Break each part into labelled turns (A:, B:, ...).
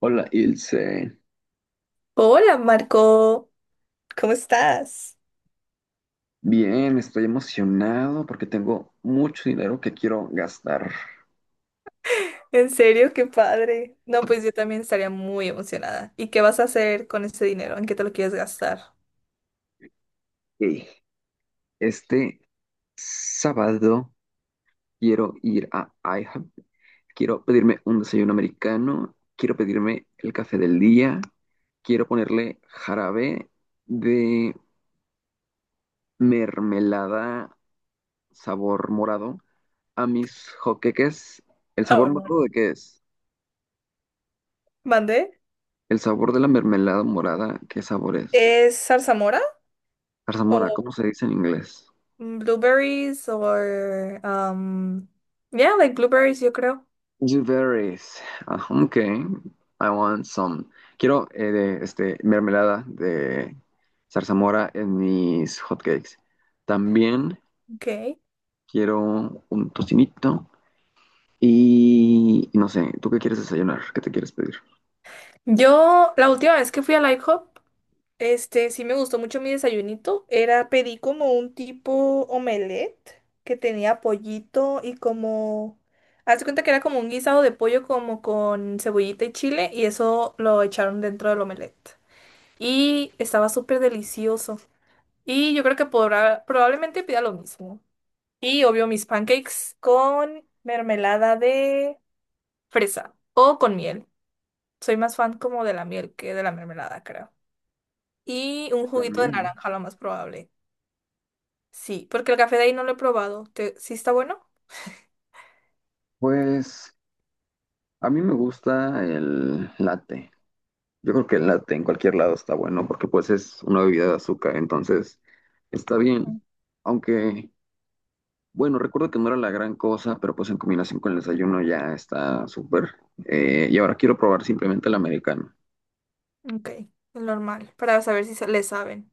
A: Hola, Ilse.
B: Hola Marco, ¿cómo estás?
A: Bien, estoy emocionado porque tengo mucho dinero que quiero gastar.
B: En serio, qué padre. No, pues yo también estaría muy emocionada. ¿Y qué vas a hacer con ese dinero? ¿En qué te lo quieres gastar?
A: Ey, este sábado quiero ir a IHOP, quiero pedirme un desayuno americano, quiero pedirme el café del día, quiero ponerle jarabe de mermelada sabor morado a mis joqueques. ¿El
B: Ah,
A: sabor
B: bueno. Bueno.
A: morado de qué es?
B: ¿Mandé?
A: ¿El sabor de la mermelada morada? ¿Qué sabor es?
B: ¿Es zarzamora?
A: Zarzamora,
B: ¿O
A: ¿cómo se dice en inglés?
B: blueberries? ¿O...? um, yeah, like blueberries, yo creo.
A: Blueberries. Ah, ok. I want some. Quiero mermelada de zarzamora en mis hotcakes. También
B: Okay.
A: quiero un tocinito y y no sé, ¿tú qué quieres desayunar? ¿Qué te quieres pedir?
B: Yo, la última vez que fui al IHOP, este, sí me gustó mucho mi desayunito. Era, pedí como un tipo omelette que tenía pollito y como... Haz de cuenta que era como un guisado de pollo como con cebollita y chile y eso lo echaron dentro del omelette. Y estaba súper delicioso. Y yo creo que podrá, probablemente pida lo mismo. Y obvio mis pancakes con mermelada de fresa o con miel. Soy más fan como de la miel que de la mermelada, creo. Y un juguito de
A: También.
B: naranja, lo más probable. Sí, porque el café de ahí no lo he probado. ¿Te- ¿Sí está bueno?
A: Pues a mí me gusta el latte. Yo creo que el latte en cualquier lado está bueno porque pues es una bebida de azúcar, entonces está bien.
B: Mm.
A: Aunque Bueno, recuerdo que no era la gran cosa, pero pues en combinación con el desayuno ya está súper. Y ahora quiero probar simplemente el americano.
B: Ok, el normal, para saber si sa- le saben.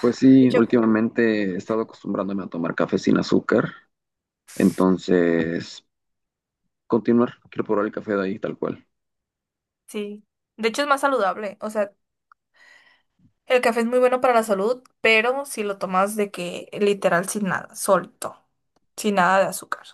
A: Pues
B: De
A: sí,
B: hecho,
A: últimamente he estado acostumbrándome a tomar café sin azúcar, entonces quiero probar el café de ahí tal cual.
B: sí. De hecho es más saludable. O sea, el café es muy bueno para la salud, pero si lo tomas de que literal sin nada, solto, sin nada de azúcar.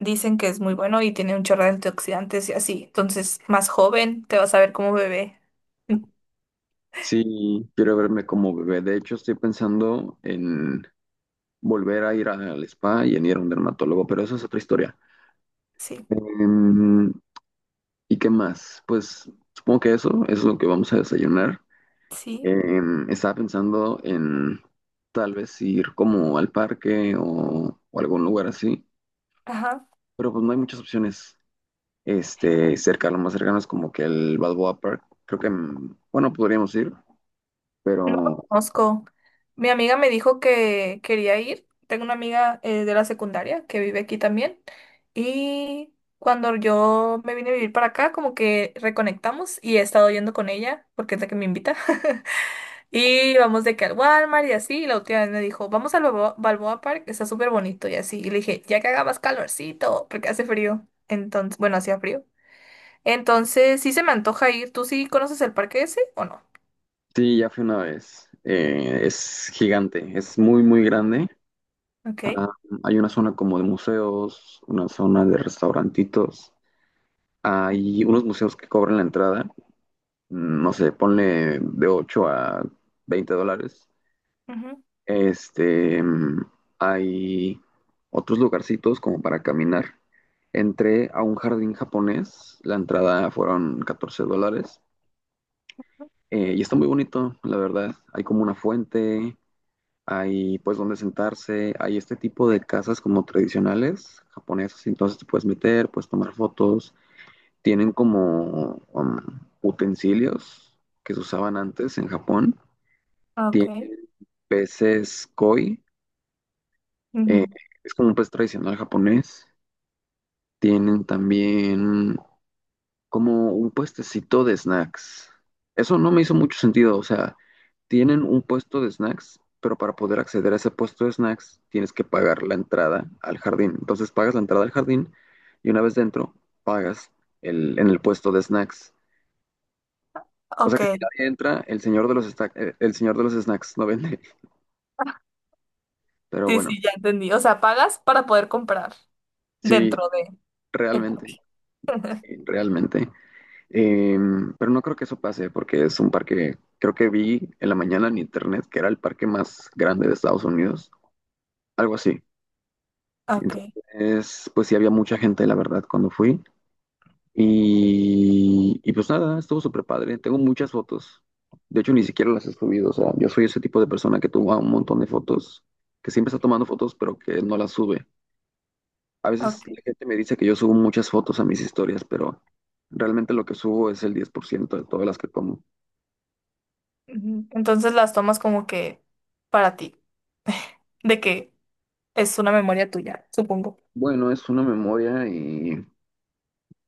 B: Dicen que es muy bueno y tiene un chorro de antioxidantes y así. Entonces, más joven, te vas a ver como bebé.
A: Sí, quiero verme como bebé. De hecho, estoy pensando en volver a ir al spa y en ir a un dermatólogo, pero eso es otra historia.
B: Sí,
A: Em, ¿Y qué más? Pues supongo que eso es lo que vamos a desayunar.
B: sí.
A: Estaba pensando en tal vez ir como al parque o algún lugar así,
B: Ajá.
A: pero pues no hay muchas opciones. Cerca, lo más cercano es como que el Balboa Park. Creo que, bueno, podríamos ir,
B: No lo
A: pero
B: conozco. Mi amiga me dijo que quería ir. Tengo una amiga de la secundaria que vive aquí también. Y cuando yo me vine a vivir para acá, como que reconectamos y he estado yendo con ella porque es la que me invita. Y vamos de que al Walmart y así. Y la última vez me dijo, vamos al Balboa, Balboa Park, está súper bonito y así. Y le dije, ya que haga más calorcito, porque hace frío. Entonces, bueno, hacía frío. Entonces, sí se me antoja ir. ¿Tú sí conoces el parque ese o no?
A: sí, ya fui una vez. Es gigante, es muy, muy grande. Ah,
B: Ok.
A: hay una zona como de museos, una zona de restaurantitos. Hay unos museos que cobran la entrada, no sé, ponle de 8 a 20 dólares.
B: Ujú.
A: Este, mm, Hay otros lugarcitos como para caminar. Entré a un jardín japonés, la entrada fueron 14 dólares y está muy bonito, la verdad. Hay como una fuente, hay pues donde sentarse, hay este tipo de casas como tradicionales japonesas, entonces te puedes meter, puedes tomar fotos. Tienen como utensilios que se usaban antes en Japón.
B: Ok.
A: Tienen peces koi. Eh,
B: Ujú.
A: es como un puesto tradicional japonés. Tienen también como un puestecito de snacks. Eso no me hizo mucho sentido. O sea, tienen un puesto de snacks, pero para poder acceder a ese puesto de snacks tienes que pagar la entrada al jardín. Entonces pagas la entrada al jardín y una vez dentro pagas el, en el puesto de snacks. O sea
B: Ok,
A: que si nadie entra, el señor de los, esta- el señor de los snacks no vende. Pero
B: sí,
A: bueno,
B: sí, ya entendí. O sea, pagas para poder comprar
A: sí,
B: dentro de el
A: realmente,
B: parque.
A: sí, realmente. Eh, pero no creo que eso pase porque es un parque, creo que vi en la mañana en internet que era el parque más grande de Estados Unidos, algo así.
B: Ok,
A: Entonces, pues sí había mucha gente, la verdad, cuando fui. Y pues nada, estuvo súper padre. Tengo muchas fotos. De hecho, ni siquiera las he subido. O sea, yo soy ese tipo de persona que toma un montón de fotos, que siempre está tomando fotos, pero que no las sube. A veces la
B: ok.
A: gente me dice que yo subo muchas fotos a mis historias, pero realmente lo que subo es el 10% de todas las que tomo.
B: Ujú. Entonces las tomas como que para ti, de que es una memoria tuya, supongo.
A: Bueno, es una memoria y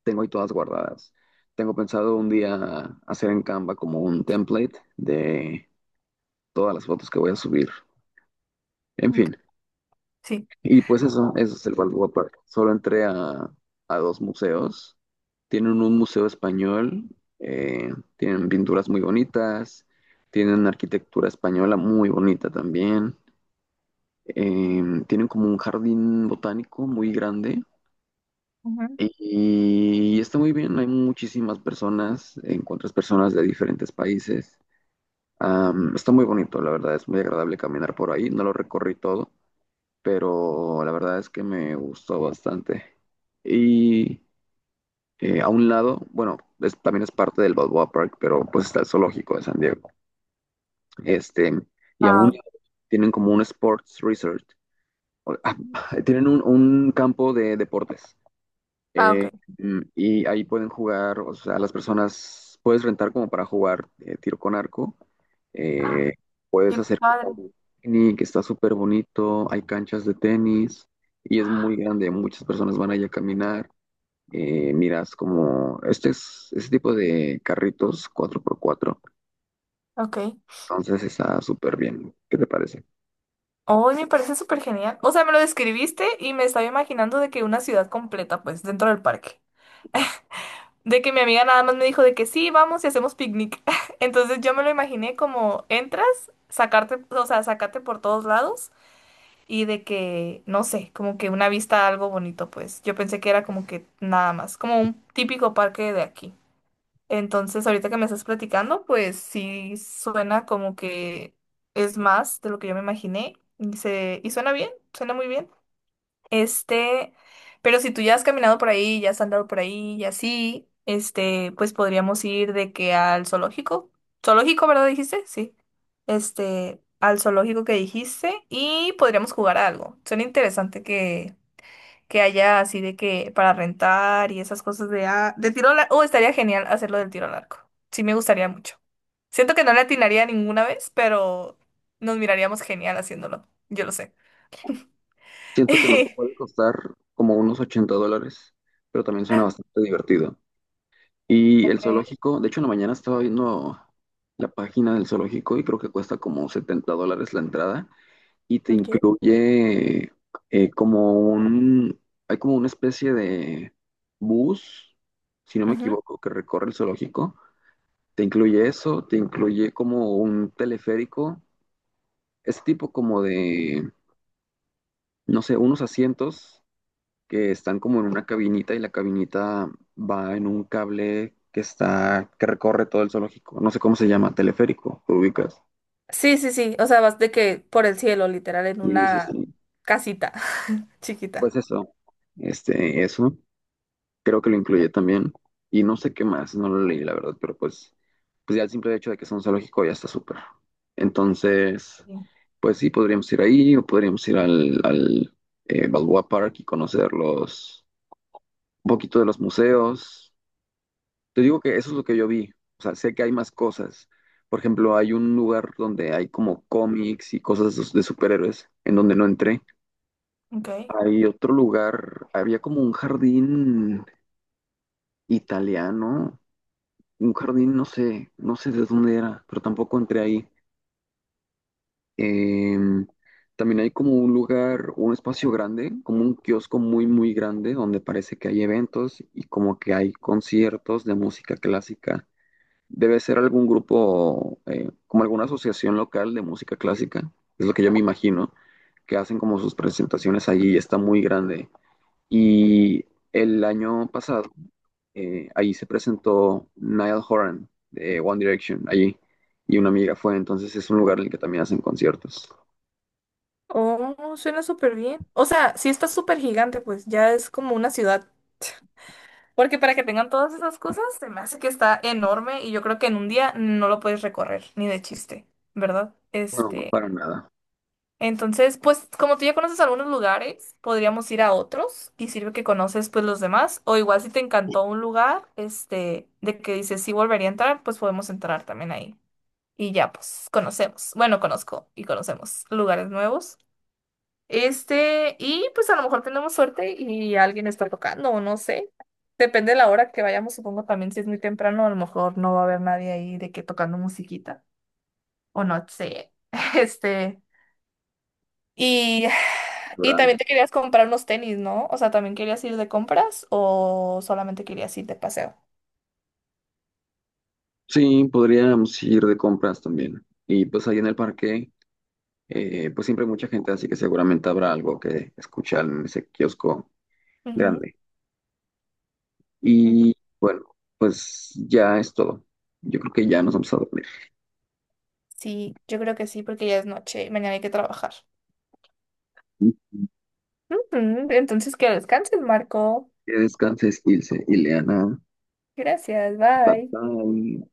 A: tengo ahí todas guardadas. Tengo pensado un día hacer en Canva como un template de todas las fotos que voy a subir. En
B: Ok,
A: fin,
B: sí.
A: y pues eso es el wallpaper. Solo entré a dos museos. Tienen un museo español, tienen pinturas muy bonitas, tienen arquitectura española muy bonita también. Tienen como un jardín botánico muy grande.
B: Ujú.
A: Y está muy bien, hay muchísimas personas, encuentras personas de diferentes países. Está muy bonito, la verdad, es muy agradable caminar por ahí. No lo recorrí todo, pero la verdad es que me gustó bastante. Y a un lado, bueno, es- también es parte del Balboa Park, pero pues está el zoológico de San Diego. Este, y a
B: Ah,
A: un
B: ok.
A: lado tienen como un sports resort, o- tienen un campo de deportes.
B: Ah,
A: Eh,
B: ok.
A: y ahí pueden jugar, o sea, las personas puedes rentar como para jugar tiro con arco.
B: Ah,
A: eh, Puedes
B: qué
A: hacer
B: padre.
A: como un picnic, está súper bonito, hay canchas de tenis y es muy grande, muchas personas van allá a caminar. Miras como este es este tipo de carritos 4x4,
B: Ok.
A: entonces está súper bien. ¿Qué te parece?
B: Hoy me parece súper genial. O sea, me lo describiste y me estaba imaginando de que una ciudad completa, pues, dentro del parque. De que mi amiga nada más me dijo de que sí, vamos y hacemos picnic. Entonces yo me lo imaginé como entras, sacarte, o sea, sacarte por todos lados y de que, no sé, como que una vista algo bonito, pues. Yo pensé que era como que nada más, como un típico parque de aquí. Entonces ahorita que me estás platicando, pues sí suena como que es más de lo que yo me imaginé y, se, y suena bien, suena muy bien. Este, pero si tú ya has caminado por ahí, ya has andado por ahí y así, este, pues podríamos ir de que al zoológico. Zoológico, ¿verdad? Dijiste, sí. Este, al zoológico que dijiste y podríamos jugar a algo. Suena interesante que haya así de que para rentar y esas cosas de, ah, de tiro al arco. Oh, estaría genial hacerlo del tiro al arco. Sí, me gustaría mucho. Siento que no le atinaría ninguna vez, pero nos miraríamos genial haciéndolo. Yo lo sé.
A: Siento que nos puede costar como unos 80 dólares, pero también suena bastante divertido. Y el
B: Ok.
A: zoológico, de hecho, en la mañana estaba viendo la página del zoológico y creo que cuesta como 70 dólares la entrada y te
B: Ok.
A: incluye eh, como un, hay como una especie de bus, si no me
B: Ujú.
A: equivoco, que recorre el zoológico. Te incluye eso, te incluye como un teleférico, ese tipo como de, no sé, unos asientos que están como en una cabinita y la cabinita va en un cable que recorre todo el zoológico. No sé cómo se llama, teleférico, ¿te ubicas?
B: Sí, sí, sí. O sea, vas de que por el cielo, literal, en
A: Sí, sí,
B: una
A: sí.
B: casita
A: Pues
B: chiquita.
A: eso, creo que lo incluye también. Y no sé qué más, no lo leí, la verdad, pero pues ya el simple hecho de que sea un zoológico ya está súper. Entonces,
B: Sí.
A: pues sí, podríamos ir ahí o podríamos ir al Balboa Park y conocer un poquito de los museos. Te digo que eso es lo que yo vi. O sea, sé que hay más cosas. Por ejemplo, hay un lugar donde hay como cómics y cosas de superhéroes, en donde no entré.
B: Ok.
A: Hay otro lugar, había como un jardín italiano, un jardín, no sé, no sé de dónde era, pero tampoco entré ahí. Em, También hay como un lugar, un espacio grande, como un kiosco muy, muy grande, donde parece que hay eventos y como que hay conciertos de música clásica. Debe ser algún grupo, como alguna asociación local de música clásica, es lo que yo me imagino, que hacen como sus presentaciones allí y está muy grande. Y el año pasado, ahí se presentó Niall Horan de One Direction, allí, y una amiga fue, entonces es un lugar en el que también hacen conciertos.
B: Oh, suena súper bien. O sea, sí está súper gigante, pues ya es como una ciudad. Porque para que tengan todas esas cosas, se me hace que está enorme y yo creo que en un día no lo puedes recorrer, ni de chiste, ¿verdad?
A: No,
B: Este.
A: para nada.
B: Entonces, pues como tú ya conoces algunos lugares, podríamos ir a otros y sirve que conoces pues los demás. O igual si te encantó un lugar, este, de que dices sí volvería a entrar, pues podemos entrar también ahí. Y ya pues conocemos. Bueno, conozco y conocemos lugares nuevos. Este, y pues a lo mejor tenemos suerte y alguien está tocando, o no sé. Depende de la hora que vayamos, supongo también si es muy temprano, a lo mejor no va a haber nadie ahí de que tocando musiquita. O no sé. Este. Y, y
A: Ahora,
B: también te querías comprar unos tenis, ¿no? O sea, ¿también querías ir de compras o solamente querías ir de paseo?
A: sí, podríamos ir de compras también. Y pues ahí en el parque, pues siempre hay mucha gente, así que seguramente habrá algo que escuchar en ese kiosco grande.
B: Ujú.
A: Y bueno, pues ya es todo. Yo creo que ya nos vamos a dormir.
B: Sí, yo creo que sí, porque ya es noche y mañana hay que trabajar. Ujú, entonces, que descanses, Marco.
A: Que descanses, Ilse. Y Leana,
B: Gracias,
A: bye
B: bye.
A: bye.